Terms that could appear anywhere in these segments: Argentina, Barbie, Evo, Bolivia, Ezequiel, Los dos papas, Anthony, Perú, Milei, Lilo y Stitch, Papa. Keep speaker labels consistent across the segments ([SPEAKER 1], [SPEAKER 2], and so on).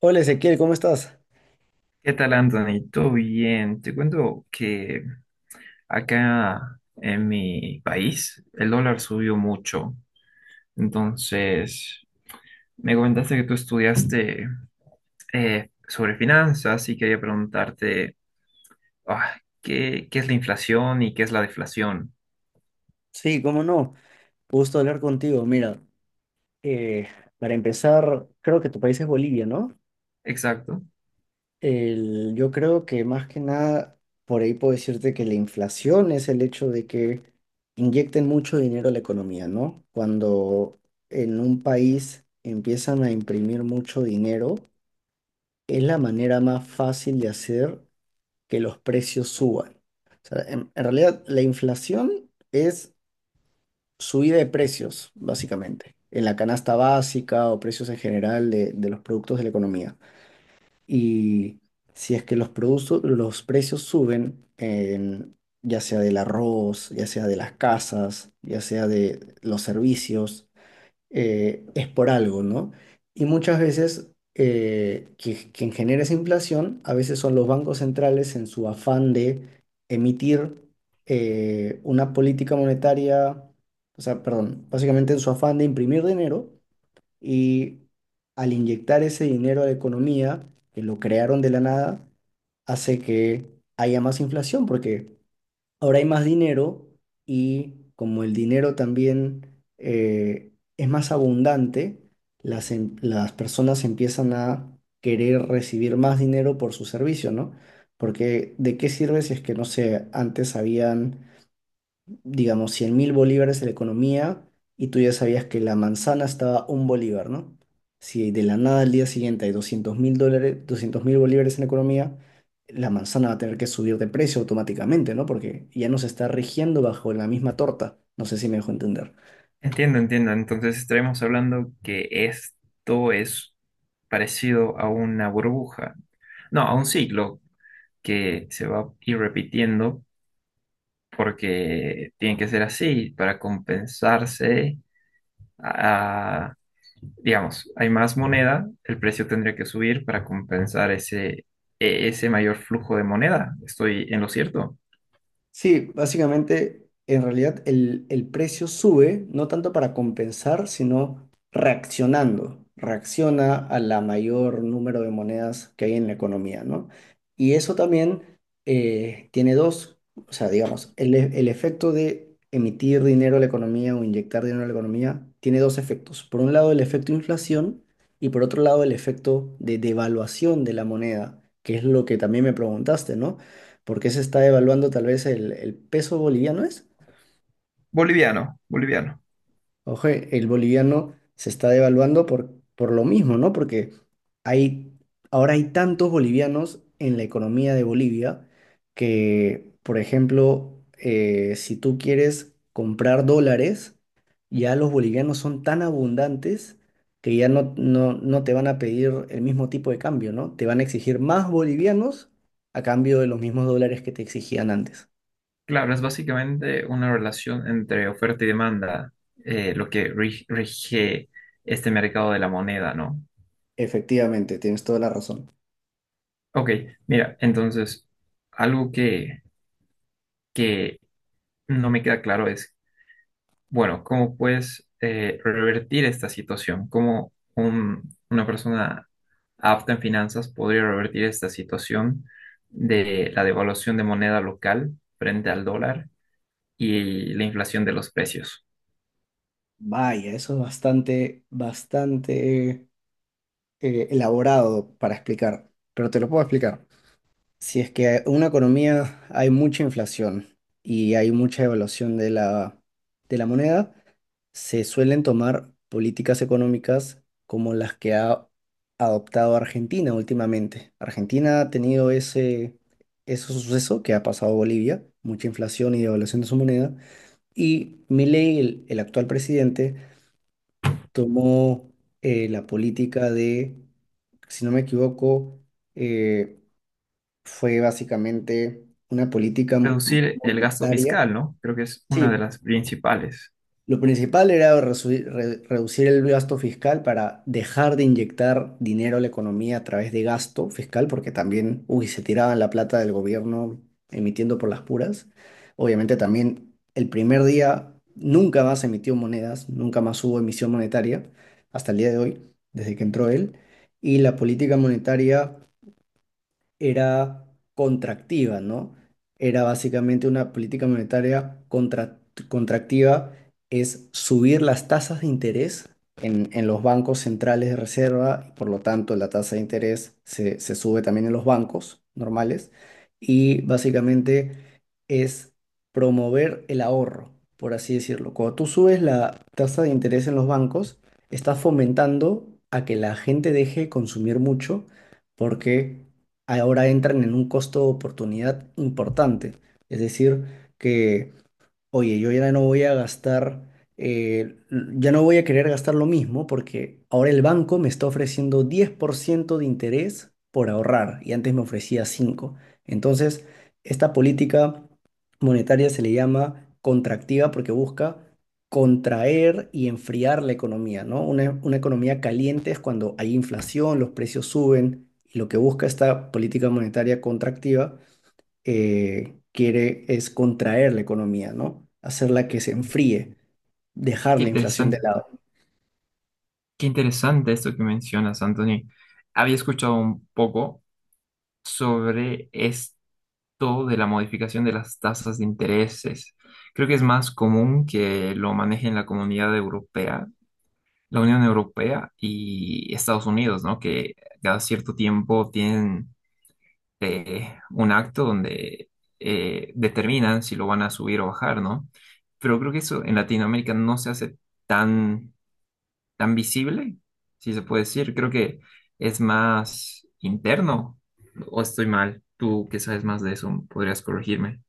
[SPEAKER 1] Hola Ezequiel, ¿cómo estás?
[SPEAKER 2] ¿Qué tal, Anthony? ¿Todo bien? Te cuento que acá en mi país el dólar subió mucho. Entonces, me comentaste que tú estudiaste sobre finanzas y quería preguntarte ah, ¿qué es la inflación y qué es la deflación?
[SPEAKER 1] Sí, cómo no. Gusto hablar contigo. Mira, eh, para empezar, creo que tu país es Bolivia, ¿no?
[SPEAKER 2] Exacto.
[SPEAKER 1] Yo creo que más que nada, por ahí puedo decirte que la inflación es el hecho de que inyecten mucho dinero a la economía, ¿no? Cuando en un país empiezan a imprimir mucho dinero, es la manera más fácil de hacer que los precios suban. O sea, en realidad, la inflación es subida de precios, básicamente, en la canasta básica o precios en general de los productos de la economía. Y si es que los productos, los precios suben, en, ya sea del arroz, ya sea de las casas, ya sea de los servicios, es por algo, ¿no? Y muchas veces quien genera esa inflación, a veces son los bancos centrales en su afán de emitir una política monetaria, o sea, perdón, básicamente en su afán de imprimir dinero y al inyectar ese dinero a la economía, que lo crearon de la nada, hace que haya más inflación porque ahora hay más dinero y como el dinero también es más abundante, las personas empiezan a querer recibir más dinero por su servicio, ¿no? Porque ¿de qué sirve si es que, no sé, antes habían digamos, 100.000 bolívares en la economía y tú ya sabías que la manzana estaba un bolívar, ¿no? Si de la nada al día siguiente hay 200.000 dólares, 200.000 bolívares en la economía, la manzana va a tener que subir de precio automáticamente, ¿no? Porque ya no se está rigiendo bajo la misma torta. No sé si me dejo entender.
[SPEAKER 2] Entiendo, entiendo. Entonces, estaremos hablando que esto es parecido a una burbuja. No, a un ciclo que se va a ir repitiendo porque tiene que ser así para compensarse. a- digamos, hay más moneda, el precio tendría que subir para compensar ese mayor flujo de moneda. Estoy en lo cierto.
[SPEAKER 1] Sí, básicamente, en realidad el precio sube, no tanto para compensar, sino reaccionando. Reacciona a la mayor número de monedas que hay en la economía, ¿no? Y eso también tiene dos, o sea, digamos, el efecto de emitir dinero a la economía o inyectar dinero a la economía tiene dos efectos. Por un lado, el efecto inflación y por otro lado, el efecto de devaluación de la moneda, que es lo que también me preguntaste, ¿no? Porque se está devaluando tal vez el peso boliviano, ¿es?
[SPEAKER 2] Boliviano, boliviano.
[SPEAKER 1] Ojo, el boliviano se está devaluando por lo mismo, ¿no? Porque hay, ahora hay tantos bolivianos en la economía de Bolivia que, por ejemplo, si tú quieres comprar dólares, ya los bolivianos son tan abundantes que ya no te van a pedir el mismo tipo de cambio, ¿no? Te van a exigir más bolivianos a cambio de los mismos dólares que te exigían antes.
[SPEAKER 2] Claro, es básicamente una relación entre oferta y demanda, lo que rige este mercado de la moneda, ¿no?
[SPEAKER 1] Efectivamente, tienes toda la razón.
[SPEAKER 2] Ok, mira, entonces, algo que no me queda claro es bueno, ¿cómo puedes revertir esta situación? ¿Cómo una persona apta en finanzas podría revertir esta situación de la devaluación de moneda local frente al dólar y la inflación de los precios?
[SPEAKER 1] Vaya, eso es bastante, bastante elaborado para explicar, pero te lo puedo explicar. Si es que en una economía hay mucha inflación y hay mucha evaluación de de la moneda, se suelen tomar políticas económicas como las que ha adoptado Argentina últimamente. Argentina ha tenido ese suceso que ha pasado a Bolivia, mucha inflación y devaluación de su moneda. Y Milei, el actual presidente, tomó la política de, si no me equivoco, eh, fue básicamente una política
[SPEAKER 2] Reducir el gasto
[SPEAKER 1] monetaria.
[SPEAKER 2] fiscal, ¿no? Creo que es una de
[SPEAKER 1] Sí,
[SPEAKER 2] las principales.
[SPEAKER 1] lo principal era reducir el gasto fiscal para dejar de inyectar dinero a la economía a través de gasto fiscal, porque también, uy, se tiraban la plata del gobierno emitiendo por las puras. Obviamente también el primer día nunca más emitió monedas, nunca más hubo emisión monetaria hasta el día de hoy, desde que entró él. Y la política monetaria era contractiva, ¿no? Era básicamente una política monetaria contractiva, es subir las tasas de interés en los bancos centrales de reserva, por lo tanto la tasa de interés se sube también en los bancos normales y básicamente es promover el ahorro, por así decirlo. Cuando tú subes la tasa de interés en los bancos, estás fomentando a que la gente deje de consumir mucho porque ahora entran en un costo de oportunidad importante. Es decir, que oye, yo ya no voy a gastar, ya no voy a querer gastar lo mismo porque ahora el banco me está ofreciendo 10% de interés por ahorrar y antes me ofrecía 5%. Entonces, esta política monetaria se le llama contractiva porque busca contraer y enfriar la economía, ¿no? Una economía caliente es cuando hay inflación, los precios suben y lo que busca esta política monetaria contractiva quiere es contraer la economía, ¿no? Hacerla que
[SPEAKER 2] Qué
[SPEAKER 1] se enfríe, dejar la inflación de
[SPEAKER 2] interesante,
[SPEAKER 1] lado.
[SPEAKER 2] qué interesante esto que mencionas, Anthony. Había escuchado un poco sobre todo de la modificación de las tasas de intereses. Creo que es más común que lo maneje en la Comunidad Europea, la Unión Europea y Estados Unidos, ¿no? Que cada cierto tiempo tienen un acto donde determinan si lo van a subir o bajar, ¿no? Pero creo que eso en Latinoamérica no se hace tan, tan visible, si se puede decir. Creo que es más interno, o estoy mal. Tú que sabes más de eso, podrías corregirme.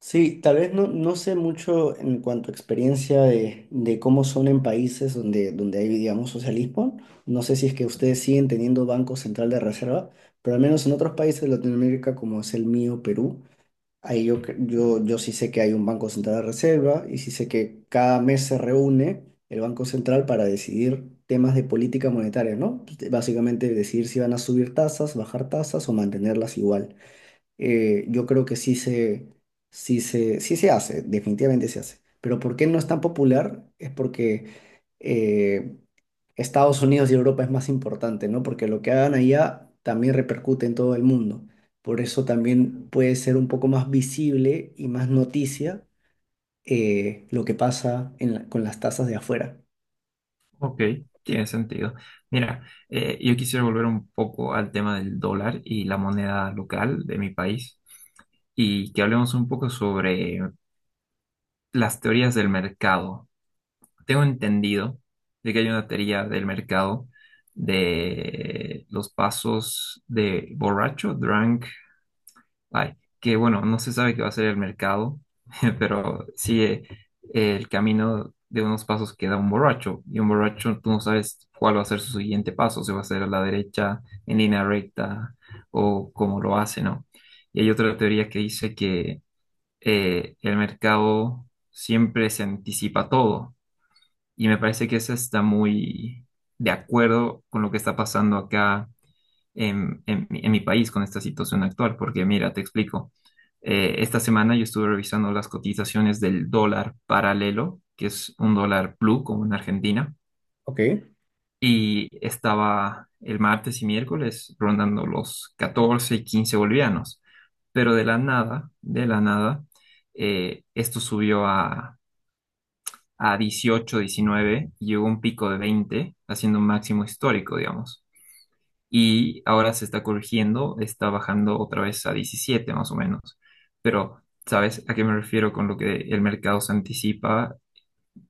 [SPEAKER 1] Sí, tal vez no, no sé mucho en cuanto a experiencia de cómo son en países donde, donde hay, digamos, socialismo. No sé si es que ustedes siguen teniendo Banco Central de Reserva, pero al menos en otros países de Latinoamérica, como es el mío, Perú, ahí yo, yo, yo sí sé que hay un Banco Central de Reserva y sí sé que cada mes se reúne el Banco Central para decidir temas de política monetaria, ¿no? Básicamente decidir si van a subir tasas, bajar tasas o mantenerlas igual. Yo creo que sí se, sí se hace, definitivamente se hace. Pero ¿por qué no es tan popular? Es porque eh, Estados Unidos y Europa es más importante, ¿no? Porque lo que hagan allá también repercute en todo el mundo. Por eso también puede ser un poco más visible y más noticia lo que pasa en con las tasas de afuera.
[SPEAKER 2] Ok, tiene sentido. Mira, yo quisiera volver un poco al tema del dólar y la moneda local de mi país y que hablemos un poco sobre las teorías del mercado. Tengo entendido de que hay una teoría del mercado de los pasos de borracho, drunk. Ay, que bueno, no se sabe qué va a ser el mercado, pero sigue el camino de unos pasos que da un borracho. Y un borracho, tú no sabes cuál va a ser su siguiente paso, si va a ser a la derecha, en línea recta, o cómo lo hace, ¿no? Y hay otra teoría que dice que el mercado siempre se anticipa todo. Y me parece que esa está muy de acuerdo con lo que está pasando acá en mi país con esta situación actual, porque mira, te explico. Esta semana yo estuve revisando las cotizaciones del dólar paralelo, que es un dólar blue como en Argentina,
[SPEAKER 1] Ok.
[SPEAKER 2] y estaba el martes y miércoles rondando los 14 y 15 bolivianos, pero de la nada, esto subió a 18, 19 y llegó a un pico de 20, haciendo un máximo histórico, digamos. Y ahora se está corrigiendo, está bajando otra vez a 17 más o menos. Pero, ¿sabes a qué me refiero con lo que el mercado se anticipa?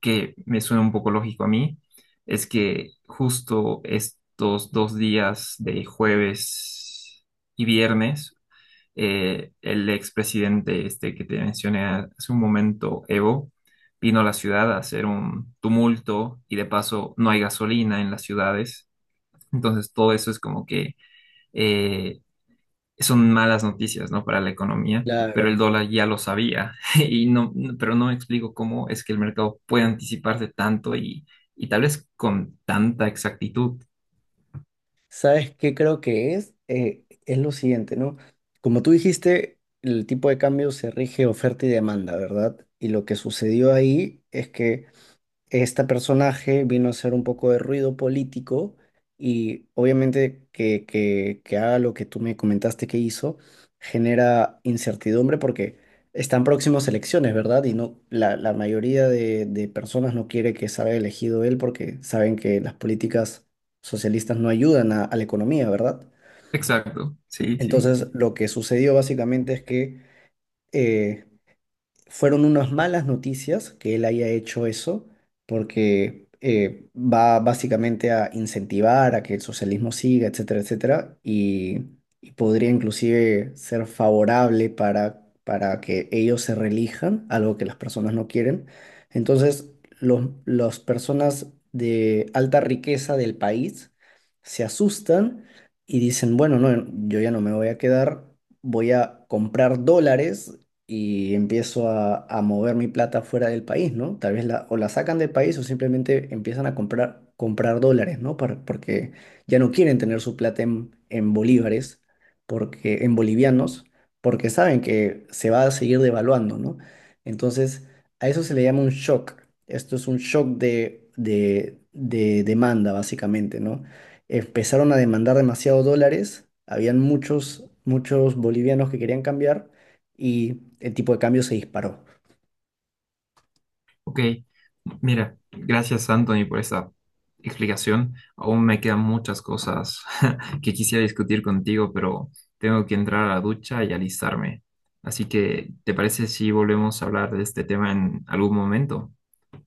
[SPEAKER 2] Que me suena un poco lógico a mí, es que justo estos dos días de jueves y viernes, el expresidente este que te mencioné hace un momento, Evo, vino a la ciudad a hacer un tumulto y de paso no hay gasolina en las ciudades. Entonces todo eso es como que eh, son malas noticias, ¿no? Para la economía, pero el
[SPEAKER 1] Claro.
[SPEAKER 2] dólar ya lo sabía. Y no, no, pero no me explico cómo es que el mercado puede anticiparse tanto y tal vez con tanta exactitud.
[SPEAKER 1] ¿Sabes qué creo que es? Es lo siguiente, ¿no? Como tú dijiste, el tipo de cambio se rige oferta y demanda, ¿verdad? Y lo que sucedió ahí es que este personaje vino a hacer un poco de ruido político y obviamente que haga lo que tú me comentaste que hizo genera incertidumbre porque están próximas elecciones, ¿verdad? Y no, la mayoría de personas no quiere que salga elegido él porque saben que las políticas socialistas no ayudan a la economía, ¿verdad?
[SPEAKER 2] Exacto, sí, sí.
[SPEAKER 1] Entonces, lo que sucedió básicamente es que... eh, fueron unas malas noticias que él haya hecho eso, porque va básicamente a incentivar a que el socialismo siga, etcétera, etcétera, y podría inclusive ser favorable para que ellos se reelijan, algo que las personas no quieren. Entonces, las personas de alta riqueza del país se asustan y dicen, bueno, no, yo ya no me voy a quedar, voy a comprar dólares y empiezo a mover mi plata fuera del país, ¿no? Tal vez la, o la sacan del país o simplemente empiezan a comprar, comprar dólares, ¿no? Para- porque ya no quieren tener su plata en bolívares, porque, en bolivianos, porque saben que se va a seguir devaluando, ¿no? Entonces, a eso se le llama un shock. Esto es un shock de demanda, básicamente, ¿no? Empezaron a demandar demasiados dólares, habían muchos, muchos bolivianos que querían cambiar y el tipo de cambio se disparó.
[SPEAKER 2] Ok, mira, gracias Anthony por esta explicación. Aún me quedan muchas cosas que quisiera discutir contigo, pero tengo que entrar a la ducha y alistarme. Así que, ¿te parece si volvemos a hablar de este tema en algún momento?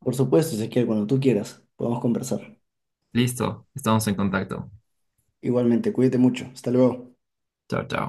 [SPEAKER 1] Por supuesto, Ezequiel, cuando tú quieras, podemos conversar.
[SPEAKER 2] Listo, estamos en contacto.
[SPEAKER 1] Igualmente, cuídate mucho. Hasta luego.
[SPEAKER 2] Chao, chao.